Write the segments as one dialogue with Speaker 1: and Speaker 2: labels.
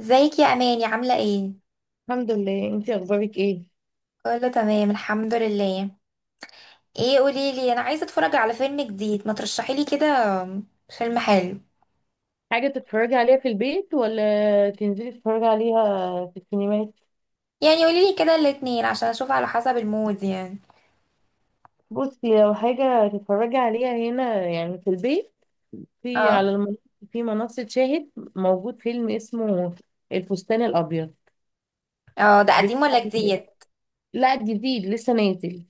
Speaker 1: ازيك يا اماني؟ عامله ايه؟
Speaker 2: الحمد لله، انتي اخبارك ايه؟
Speaker 1: كله تمام الحمد لله. ايه، قولي لي، انا عايزه اتفرج على فيلم جديد، ما ترشحي لي كده فيلم حلو.
Speaker 2: حاجه تتفرجي عليها في البيت ولا تنزلي تتفرجي عليها في السينمات؟
Speaker 1: يعني قولي لي كده الاتنين عشان اشوف على حسب المود يعني.
Speaker 2: بصي، لو حاجه تتفرجي عليها هنا يعني في البيت، في على
Speaker 1: اه.
Speaker 2: المنصه، في منصه شاهد موجود فيلم اسمه الفستان الابيض
Speaker 1: اه، ده قديم ولا
Speaker 2: بتاع،
Speaker 1: جديد؟
Speaker 2: لا جديد لسه نازل،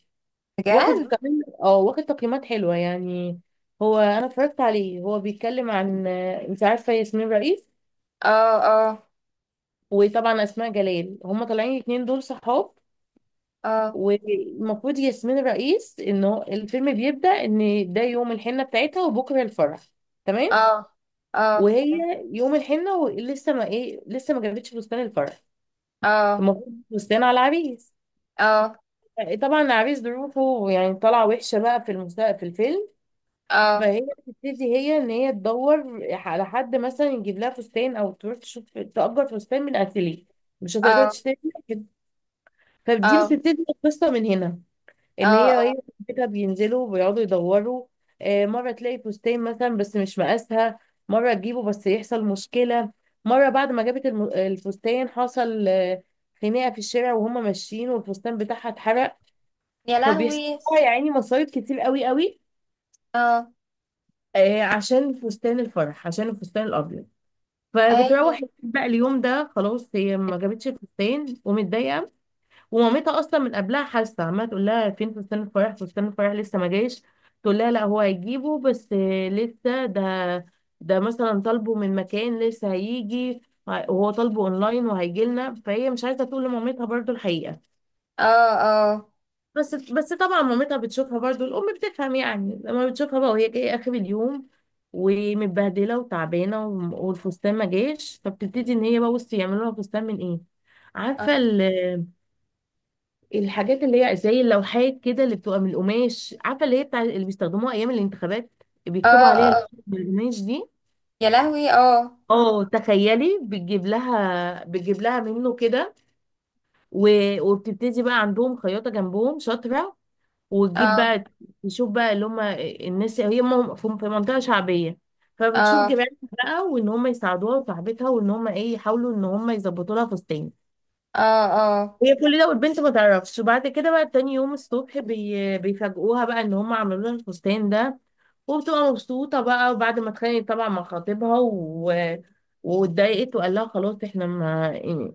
Speaker 2: واخد
Speaker 1: بجد؟
Speaker 2: كمان اه واخد تقييمات حلوه يعني. هو انا اتفرجت عليه، هو بيتكلم عن انت عارفه ياسمين رئيس،
Speaker 1: اه. اه.
Speaker 2: وطبعا اسماء جلال، هما طالعين الاتنين دول صحاب.
Speaker 1: اه،
Speaker 2: والمفروض ياسمين الرئيس ان هو الفيلم بيبدأ ان ده يوم الحنة بتاعتها وبكرة الفرح، تمام.
Speaker 1: اه. اه،
Speaker 2: وهي يوم الحنة ولسه ما ايه، لسه ما جابتش فستان الفرح،
Speaker 1: اه.
Speaker 2: المفروض فستان على العريس.
Speaker 1: اه، اه.
Speaker 2: طبعا العريس ظروفه يعني طالعة وحشة بقى في الفيلم.
Speaker 1: اه،
Speaker 2: فهي بتبتدي هي ان هي تدور على حد مثلا يجيب لها فستان او تروح تشوف تأجر فستان من اتيليه، مش هتقدر
Speaker 1: اه.
Speaker 2: تشتري كده. فدي بتبتدي القصة من هنا، ان
Speaker 1: اه
Speaker 2: هي
Speaker 1: اه.
Speaker 2: هي بيتها بينزلوا بيقعدوا يدوروا. مره تلاقي فستان مثلا بس مش مقاسها، مره تجيبه بس يحصل مشكله، مره بعد ما جابت الفستان حصل خناقه في الشارع وهم ماشيين والفستان بتاعها اتحرق.
Speaker 1: يا
Speaker 2: فبيحصل
Speaker 1: لهوي،
Speaker 2: لها يا عيني مصايب كتير قوي قوي،
Speaker 1: اه.
Speaker 2: عشان فستان الفرح، عشان الفستان الابيض. فبتروح
Speaker 1: اي،
Speaker 2: البيت بقى اليوم ده، خلاص هي ما جابتش الفستان ومتضايقه. ومامتها اصلا من قبلها حاسه، عماله تقول لها فين فستان الفرح، فستان الفرح لسه ما جايش. تقول لها لا هو هيجيبه، بس لسه ده، ده مثلا طالبه من مكان لسه هيجي، وهو طالبه اونلاين وهيجي لنا. فهي مش عايزه تقول لمامتها برضو الحقيقه.
Speaker 1: اه. اه،
Speaker 2: بس طبعا مامتها بتشوفها برضو، الام بتفهم يعني لما بتشوفها بقى وهي جايه اخر اليوم ومتبهدله وتعبانه والفستان ما جاش. فبتبتدي ان هي بقى، بصي، يعملوا لها فستان من ايه، عارفه،
Speaker 1: اه،
Speaker 2: الحاجات اللي هي زي اللوحات كده اللي بتبقى من القماش، عارفه اللي هي بتاع اللي بيستخدموها ايام الانتخابات
Speaker 1: اه.
Speaker 2: بيكتبوا عليها،
Speaker 1: اه،
Speaker 2: من القماش دي.
Speaker 1: يا لهوي اه،
Speaker 2: اه تخيلي، بتجيب لها بتجيب لها منه كده وبتبتدي بقى عندهم خياطه جنبهم شاطره، وتجيب
Speaker 1: اه.
Speaker 2: بقى، تشوف بقى اللي هم الناس هي في في منطقه شعبيه، فبتشوف
Speaker 1: اه،
Speaker 2: جيرانها بقى وان هم يساعدوها وصاحبتها وان هم ايه، يحاولوا ان هم يظبطوا لها فستان.
Speaker 1: اه. اه،
Speaker 2: هي كل ده والبنت ما تعرفش، وبعد كده بقى تاني يوم الصبح بيفاجئوها بقى ان هم عملوا لها الفستان ده. وبتبقى مبسوطة بقى، وبعد ما اتخانقت طبعا مع خطيبها و... واتضايقت وقال لها خلاص احنا ما،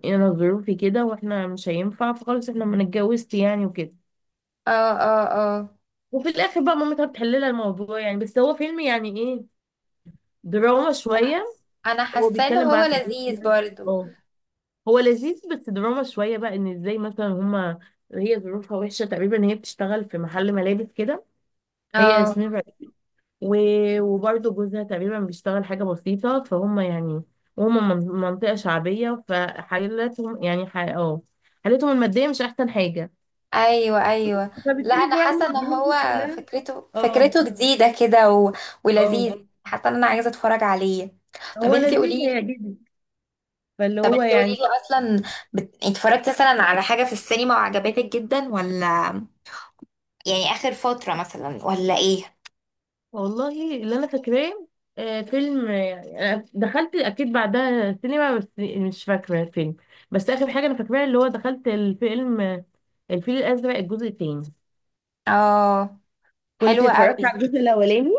Speaker 2: انا ظروفي كده واحنا مش هينفع، فخلاص احنا ما اتجوزت يعني وكده.
Speaker 1: اه. اه، اه.
Speaker 2: وفي الاخر بقى مامتها بتحل لها الموضوع. يعني بس هو فيلم يعني ايه، دراما شوية.
Speaker 1: انا
Speaker 2: هو
Speaker 1: حاسه ان
Speaker 2: بيتكلم بقى
Speaker 1: هو
Speaker 2: عن الجواز
Speaker 1: لذيذ
Speaker 2: يعني.
Speaker 1: برضو.
Speaker 2: اه هو لذيذ بس دراما شوية بقى، ان ازاي مثلا هما، هي ظروفها وحشة تقريبا، هي بتشتغل في محل ملابس كده، هي
Speaker 1: اه.
Speaker 2: ياسمين رئيس، وبرضه جوزها تقريبا بيشتغل حاجة بسيطة فهم يعني، وهم من منطقة شعبية، فحالتهم يعني اه حالتهم المادية مش أحسن حاجة.
Speaker 1: ايوه، ايوه. لا،
Speaker 2: فبتقولي
Speaker 1: انا
Speaker 2: رغم
Speaker 1: حاسه ان
Speaker 2: الظروف
Speaker 1: هو
Speaker 2: دي كلها،
Speaker 1: فكرته
Speaker 2: اه
Speaker 1: فكرته جديده كده
Speaker 2: اه،
Speaker 1: ولذيذ، حتى انا عايزه اتفرج عليه. طب
Speaker 2: هو
Speaker 1: انتي
Speaker 2: لذيذ
Speaker 1: قوليلي،
Speaker 2: هيعجبك فاللي
Speaker 1: طب
Speaker 2: هو
Speaker 1: انتي
Speaker 2: يعني.
Speaker 1: قوليلي اصلا اتفرجتي مثلا على حاجه في السينما وعجبتك جدا، ولا يعني اخر فتره مثلا، ولا ايه؟
Speaker 2: والله اللي انا فاكراه، فيلم، يعني أنا دخلت اكيد بعدها سينما بس مش فاكره الفيلم، بس اخر حاجه انا فاكراها اللي هو دخلت الفيلم، الفيل الازرق الجزء التاني.
Speaker 1: اه.
Speaker 2: كنت
Speaker 1: حلوه
Speaker 2: اتفرجت
Speaker 1: قوي.
Speaker 2: على الجزء الاولاني،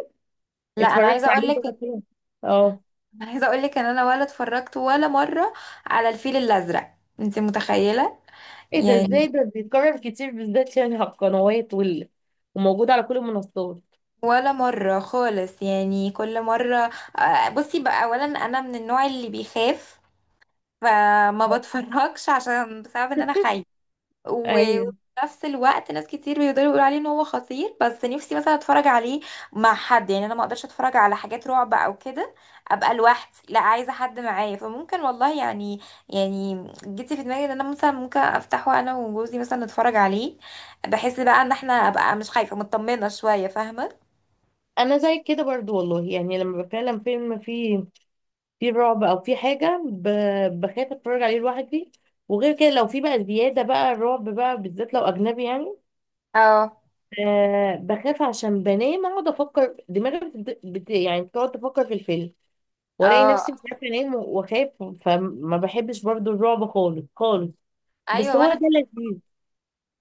Speaker 1: لا انا
Speaker 2: اتفرجت
Speaker 1: عايزه
Speaker 2: عليه
Speaker 1: اقولك،
Speaker 2: مرتين. اه،
Speaker 1: انا عايزه اقول لك ان انا ولا اتفرجت ولا مره على الفيل الازرق، انت متخيله؟
Speaker 2: ايه ده؟ ازاي
Speaker 1: يعني
Speaker 2: ده بيتكرر كتير بالذات يعني على القنوات وموجود على كل المنصات.
Speaker 1: ولا مره خالص، يعني كل مره. بصي بقى، اولا انا من النوع اللي بيخاف، فما بتفرجش عشان، بسبب ان انا خايفه. وفي
Speaker 2: ايوه،
Speaker 1: نفس الوقت ناس كتير بيقدروا يقولوا عليه ان هو خطير، بس نفسي مثلا اتفرج عليه مع حد، يعني انا ما اقدرش اتفرج على حاجات رعب او كده ابقى لوحدي، لا عايزه حد معايا، فممكن والله يعني، يعني جيتي في دماغي ان انا مثلا ممكن افتحه انا وجوزي مثلا نتفرج عليه، بحس بقى ان احنا ابقى مش خايفه، مطمنه شويه، فاهمه؟
Speaker 2: انا زي كده برضو والله، يعني لما بتكلم فيلم فيه في رعب او في حاجه، بخاف اتفرج عليه لوحدي. وغير كده لو في بقى زياده بقى الرعب بقى، بالذات لو اجنبي يعني،
Speaker 1: اه،
Speaker 2: أه بخاف عشان بنام اقعد افكر، دماغي يعني بتقعد تفكر في الفيلم، والاقي
Speaker 1: اه.
Speaker 2: نفسي مش عارفه انام واخاف. فما بحبش برضو الرعب خالص خالص. بس
Speaker 1: ايوه
Speaker 2: هو
Speaker 1: وانا.
Speaker 2: ده لذيذ،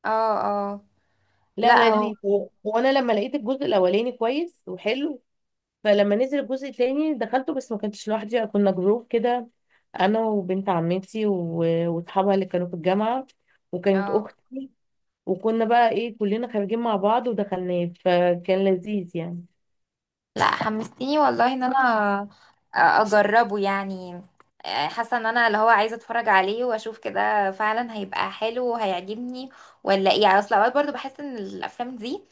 Speaker 1: اه، اه.
Speaker 2: لا
Speaker 1: لا هو
Speaker 2: لذيذ و... وانا لما لقيت الجزء الاولاني كويس وحلو، فلما نزل الجزء التاني دخلته، بس ما كنتش لوحدي، كنا جروب كده، انا وبنت عمتي واصحابها اللي كانوا في الجامعه، وكانت
Speaker 1: انا، اه.
Speaker 2: اختي، وكنا بقى ايه كلنا خارجين مع بعض ودخلناه فكان لذيذ يعني.
Speaker 1: لا حمستيني والله ان انا اجربه يعني. حاسه ان انا اللي هو عايزه اتفرج عليه واشوف كده فعلا هيبقى حلو وهيعجبني، ولا ايه؟ يعني اصل اوقات برضو بحس ان الافلام دي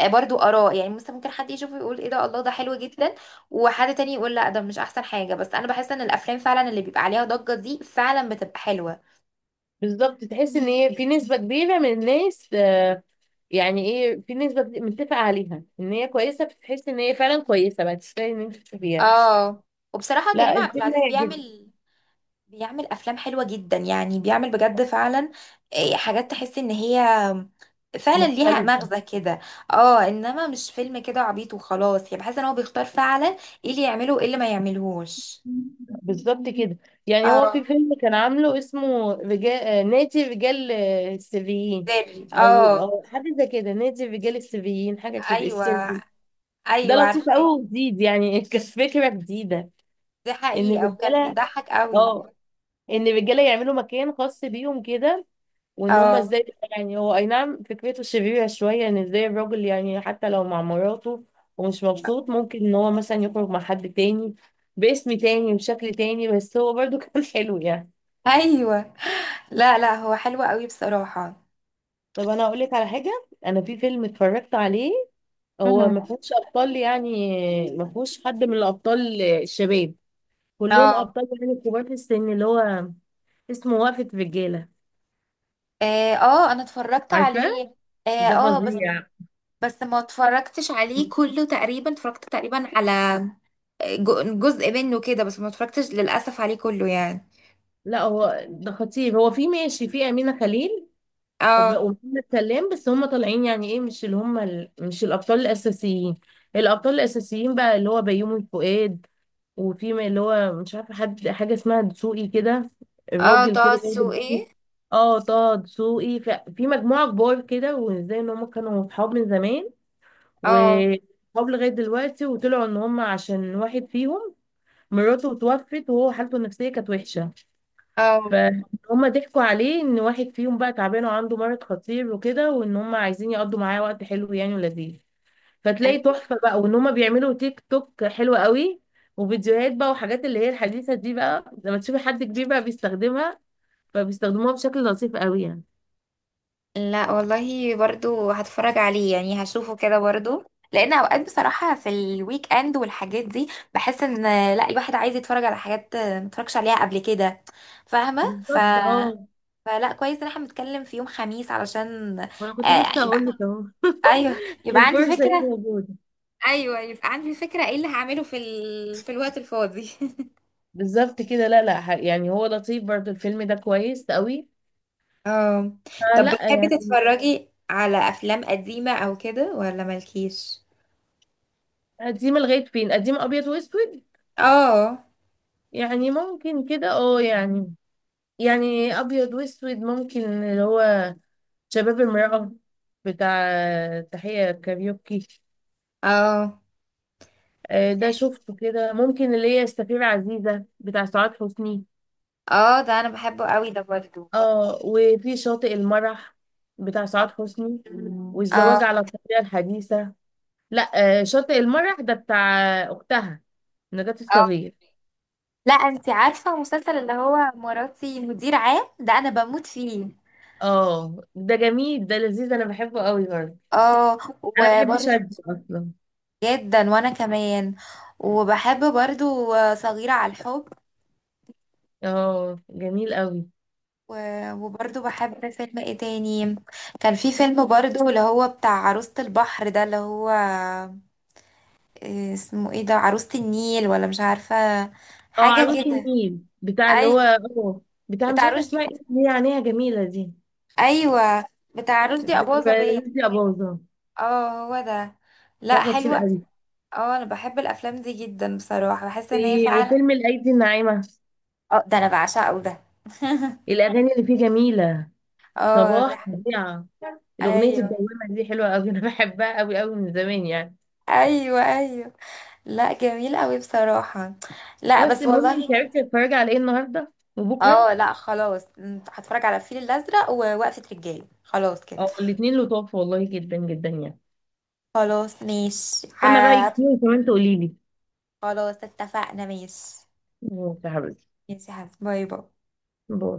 Speaker 1: برضو اراء، يعني مثلا ممكن حد يشوفه يقول ايه ده، الله ده حلو جدا، وحد تاني يقول لا ده مش احسن حاجه، بس انا بحس ان الافلام فعلا اللي بيبقى عليها ضجه دي فعلا بتبقى حلوه.
Speaker 2: بالظبط، تحس ان هي في نسبه كبيره من الناس، يعني ايه، في نسبه متفق عليها ان هي كويسه، فتحس ان هي فعلا كويسه بقى تستاهل ان انت تشوفيها.
Speaker 1: اه. وبصراحه كريم
Speaker 2: لا
Speaker 1: عبد
Speaker 2: الفيلم
Speaker 1: العزيز
Speaker 2: جدا
Speaker 1: بيعمل افلام حلوه جدا، يعني بيعمل بجد فعلا إيه، حاجات تحس ان هي فعلا ليها
Speaker 2: مختلف.
Speaker 1: مغزى كده. اه، انما مش فيلم كده عبيط وخلاص، يعني بحس ان هو بيختار فعلا ايه اللي يعمله وايه اللي ما يعملهوش.
Speaker 2: بالظبط كده. يعني هو
Speaker 1: اه،
Speaker 2: في فيلم كان عامله اسمه رجال، نادي رجال، السريين،
Speaker 1: سري،
Speaker 2: او
Speaker 1: اه.
Speaker 2: او حاجه زي كده، نادي رجال السريين، حاجه كده
Speaker 1: ايوه،
Speaker 2: السري. ده
Speaker 1: ايوه،
Speaker 2: لطيف قوي
Speaker 1: عارفاه.
Speaker 2: وجديد يعني كفكره جديده،
Speaker 1: دي
Speaker 2: ان
Speaker 1: حقيقه، وكان
Speaker 2: الرجاله،
Speaker 1: بيضحك قوي.
Speaker 2: اه ان الرجاله يعملوا مكان خاص بيهم كده، وان هم
Speaker 1: اه،
Speaker 2: ازاي، يعني هو اي نعم فكرته شريره شويه، ان ازاي الراجل يعني حتى لو مع مراته ومش مبسوط، ممكن ان هو مثلا يخرج مع حد تاني باسم تاني وشكل تاني، بس هو برضو كان حلو يعني.
Speaker 1: ايوه. لا لا، هو حلو قوي بصراحه.
Speaker 2: طب انا اقول لك على حاجه، انا في فيلم اتفرجت عليه، هو
Speaker 1: مم.
Speaker 2: ما فيهوش ابطال يعني، ما فيهوش حد من الابطال الشباب، كلهم
Speaker 1: اه،
Speaker 2: ابطال يعني كبار في السن، اللي هو اسمه وقفة رجالة،
Speaker 1: اه، انا اتفرجت
Speaker 2: عارفاه؟
Speaker 1: عليه. اه،
Speaker 2: ده
Speaker 1: بس
Speaker 2: فظيع.
Speaker 1: بس ما اتفرجتش عليه كله تقريبا، اتفرجت تقريبا على جزء منه كده، بس ما اتفرجتش للأسف عليه كله يعني.
Speaker 2: لا هو ده خطير، هو في ماشي في امينه خليل
Speaker 1: اه،
Speaker 2: ومحمد سلام، بس هم طالعين يعني ايه، مش اللي هم مش الابطال الاساسيين. الابطال الاساسيين بقى اللي هو بيومي فؤاد، وفي اللي هو مش عارفه حد، حاجه اسمها دسوقي كده،
Speaker 1: اه.
Speaker 2: الراجل
Speaker 1: طه
Speaker 2: كده برضه
Speaker 1: دسوقي.
Speaker 2: كبير، اه طه دسوقي، في مجموعه كبار كده، وازاي ان هم كانوا صحاب من زمان
Speaker 1: اه،
Speaker 2: وصحاب لغايه دلوقتي، وطلعوا ان هم عشان واحد فيهم مراته اتوفت وهو حالته النفسيه كانت وحشه،
Speaker 1: اه.
Speaker 2: فهم ضحكوا عليه ان واحد فيهم بقى تعبان وعنده مرض خطير وكده، وان هم عايزين يقضوا معاه وقت حلو يعني ولذيذ. فتلاقي تحفة بقى، وان هما بيعملوا تيك توك حلوة قوي وفيديوهات بقى وحاجات اللي هي الحديثة دي، بقى لما تشوفي حد كبير بقى بيستخدمها، فبيستخدموها بشكل لطيف قوي يعني.
Speaker 1: لا والله، برضو هتفرج عليه، يعني هشوفه كده برضو، لان اوقات بصراحة في الويك اند والحاجات دي بحس ان، لا الواحد عايز يتفرج على حاجات ما اتفرجش عليها قبل كده، فاهمة؟
Speaker 2: بالظبط اه،
Speaker 1: فلا، كويس ان احنا بنتكلم في يوم خميس علشان
Speaker 2: وانا كنت لسه هقول
Speaker 1: يبقى،
Speaker 2: لك اهو
Speaker 1: ايوه يبقى عندي
Speaker 2: الفرصة هي
Speaker 1: فكرة.
Speaker 2: موجودة.
Speaker 1: ايوه، أيوة. يبقى عندي فكره ايه اللي هعمله في في الوقت الفاضي.
Speaker 2: بالظبط كده. لا لا يعني هو لطيف برضو الفيلم ده كويس قوي،
Speaker 1: اه. طب
Speaker 2: فلا
Speaker 1: بتحبي
Speaker 2: يعني.
Speaker 1: تتفرجي على افلام قديمة او كده، ولا مالكيش؟
Speaker 2: قديم لغاية فين؟ قديم ابيض واسود
Speaker 1: اه.
Speaker 2: يعني؟ ممكن كده اه يعني، يعني ابيض واسود ممكن اللي هو شباب المرأة بتاع، تحية كاريوكي،
Speaker 1: اه.
Speaker 2: ده شفته كده، ممكن اللي هي السفيرة عزيزة بتاع سعاد حسني.
Speaker 1: اه، ده انا بحبه قوي ده برضو.
Speaker 2: اه وفي شاطئ المرح بتاع سعاد حسني. مم. والزواج
Speaker 1: اه،
Speaker 2: على الطريقة الحديثة. لا شاطئ المرح ده بتاع أختها نجاة
Speaker 1: اه.
Speaker 2: الصغير.
Speaker 1: لا انتي عارفة المسلسل اللي هو مراتي مدير عام ده، انا بموت فيه.
Speaker 2: اه ده جميل ده لذيذ، انا بحبه قوي برضه.
Speaker 1: اه
Speaker 2: انا بحب
Speaker 1: وبرضه،
Speaker 2: شاب اصلا.
Speaker 1: جدا وانا كمان، وبحب برضو صغيرة على الحب.
Speaker 2: اه جميل قوي.
Speaker 1: وبرضه بحب فيلم ايه تاني. كان في فيلم برضه اللي هو بتاع عروسة البحر ده، اللي هو إيه اسمه، ايه ده، عروسة النيل ولا مش عارفة،
Speaker 2: اه،
Speaker 1: حاجة اه
Speaker 2: عروس
Speaker 1: كده.
Speaker 2: النيل بتاع اللي هو
Speaker 1: ايوه،
Speaker 2: اه، بتاع مش
Speaker 1: بتاع
Speaker 2: عارفه
Speaker 1: رشدي.
Speaker 2: اسمها ايه، اللي هي عينيها جميله دي،
Speaker 1: ايوه بتاع رشدي اباظة باين.
Speaker 2: دي اباظه،
Speaker 1: اه، هو ده.
Speaker 2: ده
Speaker 1: لا،
Speaker 2: خطير
Speaker 1: حلوة.
Speaker 2: قوي.
Speaker 1: اه، انا بحب الافلام دي جدا بصراحة، بحس ان هي
Speaker 2: في-
Speaker 1: فعلا.
Speaker 2: وفيلم الايدي الناعمه،
Speaker 1: اه، ده انا بعشقه ده.
Speaker 2: الاغاني اللي فيه جميله،
Speaker 1: اه، ده.
Speaker 2: صباح فظيعه، الاغنيه
Speaker 1: ايوه،
Speaker 2: الدوامه دي حلوه قوي انا بحبها قوي قوي من زمان يعني.
Speaker 1: ايوه، ايوه. لا، جميل قوي بصراحة. لا
Speaker 2: خلاص،
Speaker 1: بس
Speaker 2: المهم انت
Speaker 1: والله.
Speaker 2: عرفتي تتفرجي على ايه النهارده وبكره؟
Speaker 1: اه، لا، خلاص، هتفرج على الفيل الازرق ووقفة رجاله، خلاص كده.
Speaker 2: اه الاثنين لطاف والله جدا جدا يعني.
Speaker 1: خلاص، ماشي،
Speaker 2: استنى رايك فيه وكمان تقولي لي.
Speaker 1: خلاص اتفقنا، ماشي.
Speaker 2: ماشي يا حبيبتي،
Speaker 1: ماشي يا حبيبي، باي باي.
Speaker 2: باي.